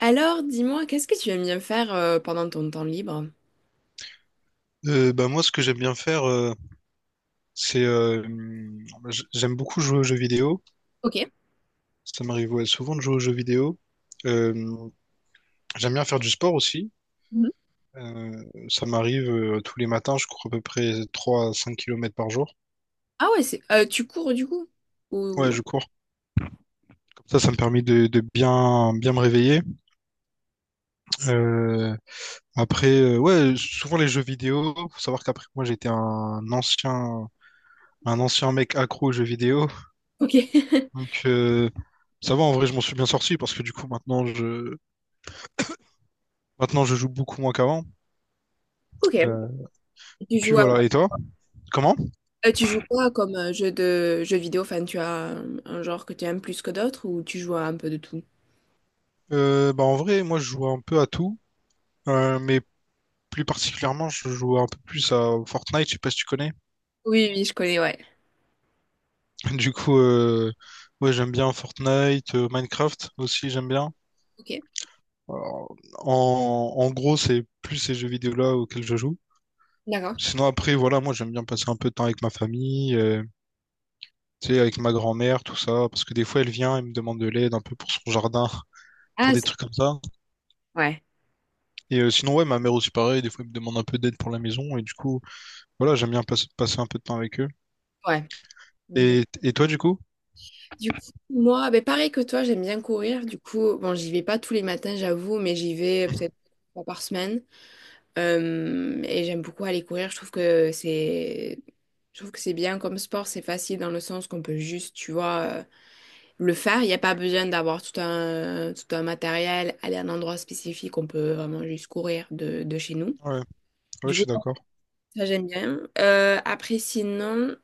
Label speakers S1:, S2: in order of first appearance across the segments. S1: Alors, dis-moi, qu'est-ce que tu aimes bien faire pendant ton temps libre?
S2: Bah moi, ce que j'aime bien faire, c'est j'aime beaucoup jouer aux jeux vidéo.
S1: Ok.
S2: Ça m'arrive, ouais, souvent de jouer aux jeux vidéo. Euh, J'aime bien faire du sport aussi.
S1: Mhm.
S2: Euh, Ça m'arrive tous les matins, je cours à peu près 3 à 5 kilomètres par jour.
S1: Ah ouais, c'est tu cours du coup?
S2: Ouais,
S1: Ou...
S2: je cours. Comme ça me permet de bien, bien me réveiller. Euh, Après, ouais, souvent les jeux vidéo. Faut savoir qu'après moi, j'étais un ancien mec accro aux jeux vidéo.
S1: Ok.
S2: Donc ça va, en vrai, je m'en suis bien sorti parce que du coup, maintenant, je joue beaucoup moins qu'avant. Euh,
S1: Ok.
S2: et
S1: Tu
S2: puis
S1: joues à-
S2: voilà. Et toi? Comment?
S1: tu joues quoi comme jeu de jeu vidéo? Enfin, tu as un genre que tu aimes plus que d'autres ou tu joues à un peu de tout?
S2: Bah en vrai, moi, je joue un peu à tout, mais plus particulièrement, je joue un peu plus à Fortnite. Je sais pas si tu connais.
S1: Oui, oui, je connais, ouais.
S2: Du coup, ouais, j'aime bien Fortnite, Minecraft aussi, j'aime bien.
S1: Ok.
S2: Alors, en gros, c'est plus ces jeux vidéo-là auxquels je joue.
S1: D'accord.
S2: Sinon, après, voilà, moi, j'aime bien passer un peu de temps avec ma famille, tu sais, avec ma grand-mère, tout ça, parce que des fois, elle vient et me demande de l'aide un peu pour son jardin, pour
S1: Ah,
S2: des
S1: c'est.
S2: trucs comme ça.
S1: Ouais,
S2: Et sinon, ouais, ma mère aussi pareil, des fois elle me demande un peu d'aide pour la maison, et du coup, voilà, j'aime bien passer un peu de temps avec eux.
S1: ouais.
S2: Et toi, du coup?
S1: Du coup, moi, ben pareil que toi, j'aime bien courir. Du coup, bon, j'y vais pas tous les matins, j'avoue, mais j'y vais
S2: Mhm.
S1: peut-être une fois par semaine. Et j'aime beaucoup aller courir. Je trouve que c'est bien comme sport. C'est facile dans le sens qu'on peut juste, tu vois, le faire. Il n'y a pas besoin d'avoir tout un matériel, aller à un endroit spécifique. On peut vraiment juste courir de chez nous.
S2: Ouais, ouais,
S1: Du
S2: je
S1: coup,
S2: suis d'accord.
S1: ça j'aime bien. Après, sinon,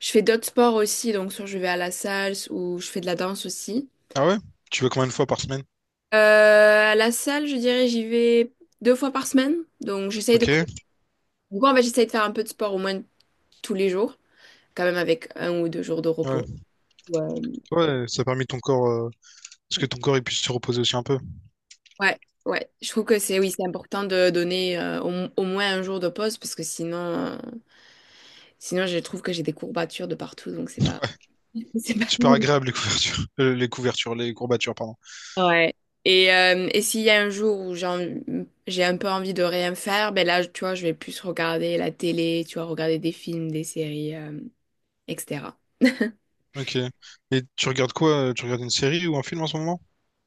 S1: je fais d'autres sports aussi. Donc, soit je vais à la salle ou je fais de la danse aussi.
S2: Ah ouais? Tu vas combien de fois par semaine?
S1: Euh, à la salle, je dirais, j'y vais deux fois par semaine. Donc, j'essaye de.
S2: Ok,
S1: Du coup, en fait, j'essaye de faire un peu de sport au moins tous les jours. Quand même avec un ou deux jours de repos.
S2: ouais,
S1: Ouais,
S2: ouais, ça a permis ton corps, parce que ton corps il puisse se reposer aussi un peu.
S1: ouais. Ouais. Je trouve que c'est oui, c'est important de donner au, au moins un jour de pause parce que sinon je trouve que j'ai des courbatures de partout, donc c'est pas,
S2: C'est
S1: c'est
S2: pas
S1: pas...
S2: super agréable les couvertures, les couvertures, les courbatures, pardon.
S1: Ouais. Et s'il y a un jour j'ai un peu envie de rien faire, ben là, tu vois, je vais plus regarder la télé, tu vois, regarder des films, des séries, etc.
S2: Ok. Et tu regardes quoi? Tu regardes une série ou un film en ce moment?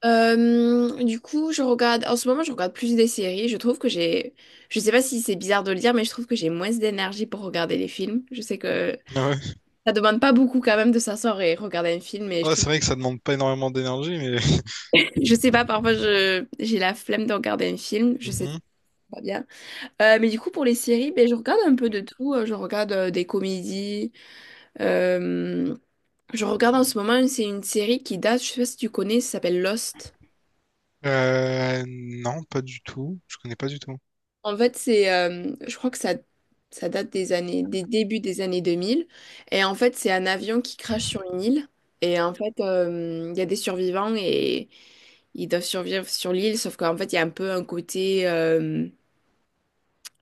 S1: Du coup, je regarde. En ce moment, je regarde plus des séries. Je trouve que j'ai. Je sais pas si c'est bizarre de le dire, mais je trouve que j'ai moins d'énergie pour regarder les films. Je sais que
S2: Ah ouais.
S1: ça demande pas beaucoup quand même de s'asseoir et regarder un film, mais je
S2: Ouais,
S1: trouve.
S2: c'est vrai que ça demande pas énormément d'énergie, mais.
S1: Je sais pas, parfois je j'ai la flemme de regarder un film. Je sais c'est
S2: Mhm.
S1: pas bien. Mais du coup, pour les séries, ben, je regarde un peu de tout. Je regarde des comédies. Euh, Je regarde en ce moment, c'est une série qui date. Je sais pas si tu connais. Ça s'appelle Lost.
S2: Euh, non, pas du tout. Je connais pas du tout.
S1: Je crois que ça date des années, des débuts des années 2000. Et en fait, c'est un avion qui crache sur une île. Il y a des survivants et ils doivent survivre sur l'île. Sauf qu'en fait, il y a un peu un côté,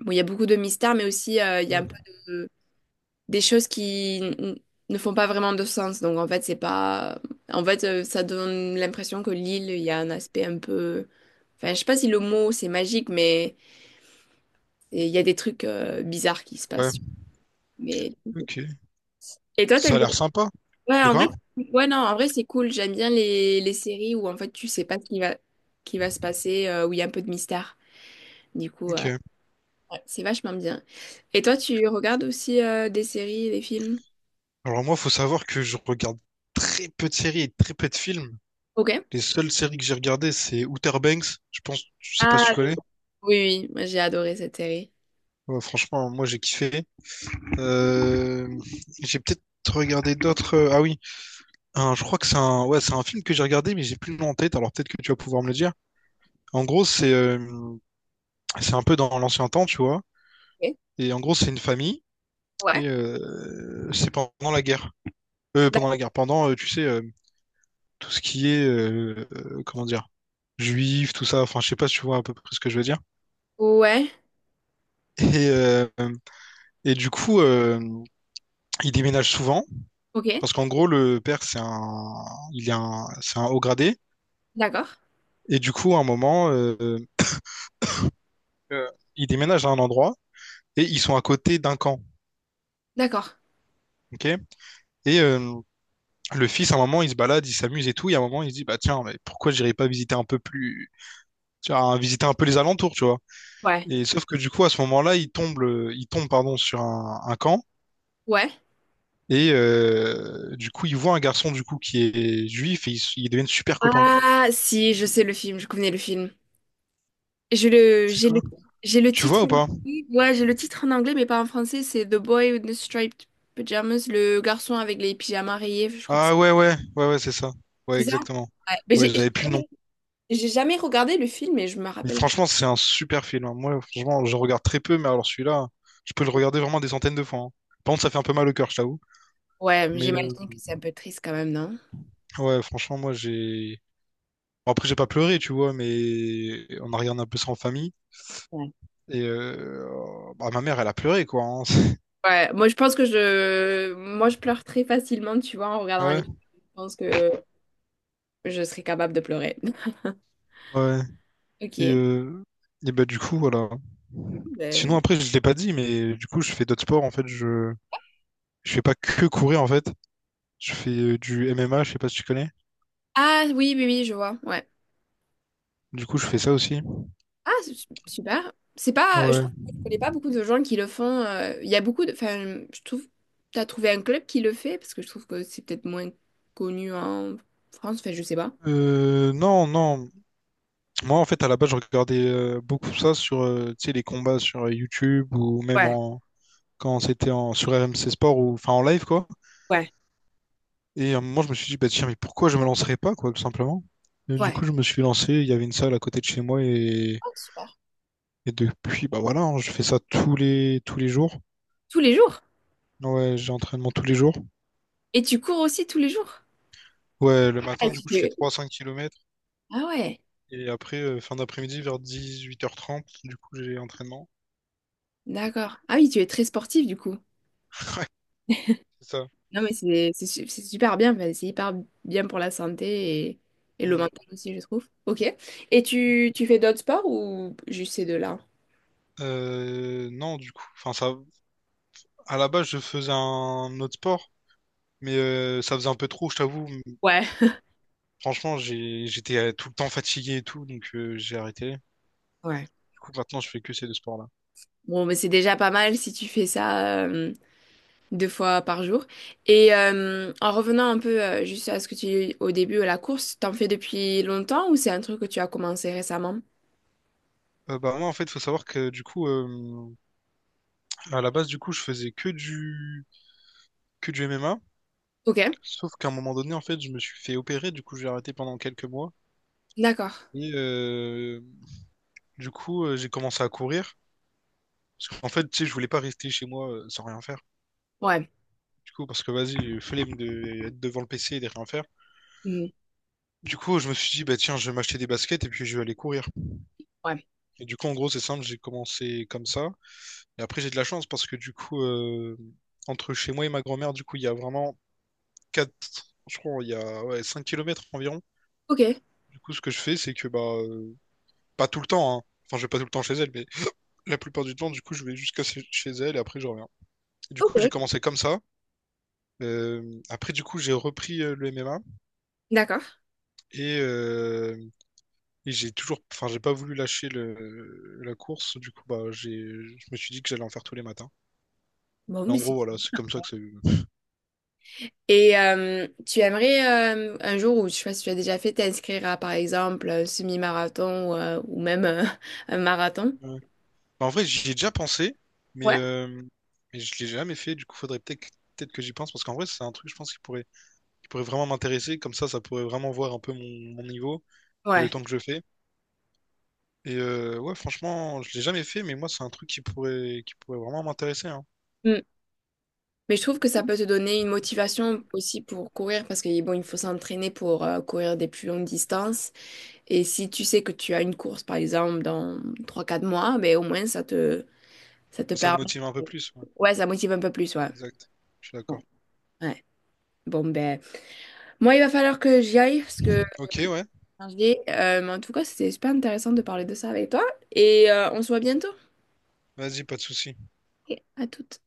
S1: bon, il y a beaucoup de mystères, mais aussi il y a
S2: Mhm.
S1: de- des choses ne font pas vraiment de sens. Donc en fait, c'est pas, en fait, ça donne l'impression que l'île, il y a un aspect un peu, enfin, je sais pas si le mot c'est magique, mais et il y a des trucs bizarres qui se
S2: Ouais.
S1: passent. Mais...
S2: Ok.
S1: Et toi,
S2: Ça
S1: t'aimes
S2: a
S1: bien?
S2: l'air sympa.
S1: Ouais,
S2: De
S1: en vrai,
S2: quoi?
S1: ouais, non, en vrai, c'est cool. J'aime bien les séries où en fait tu sais pas qui va se passer, où il y a un peu de mystère. Du coup,
S2: Ok.
S1: ouais, c'est vachement bien. Et toi, tu regardes aussi des séries, des films?
S2: Alors moi, faut savoir que je regarde très peu de séries et très peu de films.
S1: Ok.
S2: Les seules séries que j'ai regardées, c'est Outer Banks. Je pense, je sais pas
S1: Ah,
S2: si tu
S1: ok.
S2: connais.
S1: Oui, oui, moi j'ai adoré cette série.
S2: Ouais, franchement, moi j'ai kiffé. Euh, j'ai peut-être regardé d'autres. Ah oui, je crois que c'est un, ouais, c'est un film que j'ai regardé, mais j'ai plus le nom en tête. Alors peut-être que tu vas pouvoir me le dire. En gros, c'est un peu dans l'ancien temps, tu vois.
S1: Ok.
S2: Et en gros, c'est une famille
S1: Ouais.
S2: et c'est pendant la guerre. Pendant
S1: D'ac-.
S2: la guerre, pendant, tu sais, tout ce qui est, comment dire, juif, tout ça. Enfin, je sais pas si tu vois à peu près ce que je veux dire.
S1: Ouais.
S2: Et, euh, et du coup, il déménage souvent
S1: Ok.
S2: parce qu'en gros, le père, c'est un, il est un, c'est un haut gradé.
S1: D'accord.
S2: Et du coup, à un moment, euh, il déménage à un endroit et ils sont à côté d'un camp.
S1: D'accord.
S2: Ok, et le fils, à un moment, il se balade, il s'amuse et tout. Et à un moment, il se dit, bah tiens, mais pourquoi j'irais pas visiter un peu plus, tu vois, visiter un peu les alentours, tu vois.
S1: Ouais.
S2: Et sauf que du coup, à ce moment-là, il tombe, il tombe, pardon, sur un camp.
S1: Ouais.
S2: Et du coup, il voit un garçon du coup qui est juif et ils deviennent super copains.
S1: Ah, si, je sais le film, je connais le film. Je le,
S2: C'est
S1: j'ai le,
S2: quoi?
S1: j'ai le
S2: Tu vois
S1: titre
S2: ou
S1: en
S2: pas?
S1: anglais. Ouais, j'ai le titre en anglais, mais pas en français. C'est The Boy with the Striped Pajamas, le garçon avec les pyjamas rayés. Je crois que
S2: Ah, ouais, ouais, ouais, ouais, c'est ça. Ouais,
S1: c'est ça.
S2: exactement.
S1: Ouais. Mais
S2: Ouais, j'avais plus le nom.
S1: j'ai jamais regardé le film, mais je me
S2: Mais
S1: rappelle que.
S2: franchement, c'est un super film, hein. Moi, franchement, je regarde très peu, mais alors celui-là, je peux le regarder vraiment des centaines de fois, hein. Par contre, ça fait un peu mal au cœur, je t'avoue.
S1: Ouais, mais
S2: Mais
S1: j'imagine que c'est un peu triste quand même, non?
S2: ouais, franchement, moi j'ai. Bon, après j'ai pas pleuré, tu vois, mais on a regardé un peu ça en famille
S1: Ouais.
S2: et bah, ma mère elle a pleuré, quoi, hein.
S1: Ouais, moi je pense que moi je pleure très facilement, tu vois, en regardant les
S2: Ouais,
S1: films. Je pense que je serais capable de pleurer.
S2: ouais, et
S1: Ok.
S2: euh, et bah du coup voilà. Sinon,
S1: Ben,
S2: après, je l'ai pas dit, mais du coup, je fais d'autres sports. En fait, je fais pas que courir. En fait, je fais du MMA. Je sais pas si tu connais.
S1: ah oui, oui, oui, je vois. Ouais.
S2: Du coup, je fais ça aussi.
S1: Ah, super. C'est pas, je. Ouais,
S2: Ouais.
S1: trouve, que je connais pas beaucoup de gens qui le font. Il y a beaucoup de, enfin, je trouve, t'as trouvé un club qui le fait parce que je trouve que c'est peut-être moins connu en France. Enfin, je sais pas.
S2: Non, non. Moi, en fait, à la base, je regardais beaucoup ça sur, tu sais, les combats sur YouTube ou même en quand c'était en sur RMC Sport ou enfin en live, quoi.
S1: Ouais,
S2: Et à un moment, je me suis dit, bah tiens, mais pourquoi je me lancerais pas, quoi, tout simplement. Et du
S1: ouais.
S2: coup, je me suis lancé. Il y avait une salle à côté de chez moi, et,
S1: Ah, super.
S2: et depuis, bah voilà, hein, je fais ça tous les jours.
S1: Tous les jours.
S2: Ouais, j'ai entraînement tous les jours.
S1: Et tu cours aussi tous les jours.
S2: Ouais, le
S1: Ah,
S2: matin, du
S1: tu
S2: coup, je fais
S1: fais-.
S2: 3 cinq kilomètres.
S1: Ah ouais,
S2: Et après, fin d'après-midi, vers 18h30 du coup, j'ai entraînement.
S1: d'accord. Ah oui, tu es très sportif du coup.
S2: C'est ça.
S1: Non, mais c'est c'est super bien. Enfin, c'est hyper bien pour la santé et le
S2: Mm.
S1: mental aussi, je trouve. Ok. Tu fais d'autres sports ou juste ces deux-là?
S2: Non, du coup, enfin, ça, à la base, je faisais un autre sport, mais ça faisait un peu trop, je t'avoue.
S1: Ouais.
S2: Franchement, j'étais tout le temps fatigué et tout, donc j'ai arrêté.
S1: Ouais.
S2: Du coup, maintenant, je fais que ces deux sports-là.
S1: Bon, mais c'est déjà pas mal si tu fais ça deux fois par jour. Et en revenant un peu juste à ce que tu au début à la course, t'en fais depuis longtemps ou c'est un truc que tu as commencé récemment?
S2: Bah, moi, en fait, faut savoir que, du coup, à la base, du coup, je faisais que du MMA.
S1: Ok,
S2: Sauf qu'à un moment donné, en fait, je me suis fait opérer, du coup, j'ai arrêté pendant quelques mois.
S1: d'accord.
S2: Et, euh, Du coup, j'ai commencé à courir. Parce qu'en fait, tu sais, je voulais pas rester chez moi sans rien faire.
S1: Ouais.
S2: Du coup, parce que vas-y, flemme de être devant le PC et de rien faire.
S1: Hmm.
S2: Du coup, je me suis dit, bah tiens, je vais m'acheter des baskets et puis je vais aller courir.
S1: Ouais.
S2: Et du coup, en gros, c'est simple, j'ai commencé comme ça. Et après, j'ai de la chance parce que du coup, entre chez moi et ma grand-mère, du coup, il y a vraiment 4, je crois, il y a ouais, 5 km environ.
S1: Ok,
S2: Du coup, ce que je fais, c'est que, bah, pas tout le temps, hein. Enfin, je vais pas tout le temps chez elle, mais la plupart du temps, du coup, je vais jusqu'à chez elle et après, je reviens. Et du coup, j'ai
S1: ok,
S2: commencé comme ça. Après, du coup, j'ai repris le MMA
S1: d'accord.
S2: et, euh, et j'ai toujours, enfin, j'ai pas voulu lâcher la course. Du coup, bah, je me suis dit que j'allais en faire tous les matins.
S1: Bon,
S2: Mais
S1: mais
S2: en
S1: c'est...
S2: gros, voilà, c'est comme ça que ça. Ouais.
S1: Et tu aimerais un jour, ou je sais pas si tu as déjà fait, t'inscrire à par exemple un semi-marathon ou même un marathon?
S2: Bah, en vrai, j'y ai déjà pensé, mais,
S1: Ouais.
S2: euh, mais je l'ai jamais fait. Du coup, faudrait peut-être que j'y pense parce qu'en vrai, c'est un truc, je pense, qui pourrait vraiment m'intéresser. Comme ça pourrait vraiment voir un peu mon niveau et le
S1: Ouais.
S2: temps que je fais. Et ouais, franchement, je l'ai jamais fait, mais moi, c'est un truc qui pourrait vraiment m'intéresser, hein.
S1: Mais je trouve que ça peut te donner une motivation aussi pour courir parce que bon, il faut s'entraîner pour courir des plus longues distances. Et si tu sais que tu as une course, par exemple, dans trois quatre mois, ben, au moins ça te
S2: Ça me
S1: permet.
S2: motive un peu plus, ouais.
S1: Ouais, ça motive un peu plus, ouais.
S2: Exact. Je suis
S1: Ouais.
S2: d'accord.
S1: Ouais. Bon, ben, moi, il va falloir que j'y aille parce que
S2: Ok, ouais.
S1: je dis, mais en tout cas, c'était super intéressant de parler de ça avec toi. Et on se voit bientôt.
S2: Vas-y, pas de souci.
S1: Ok. À tout.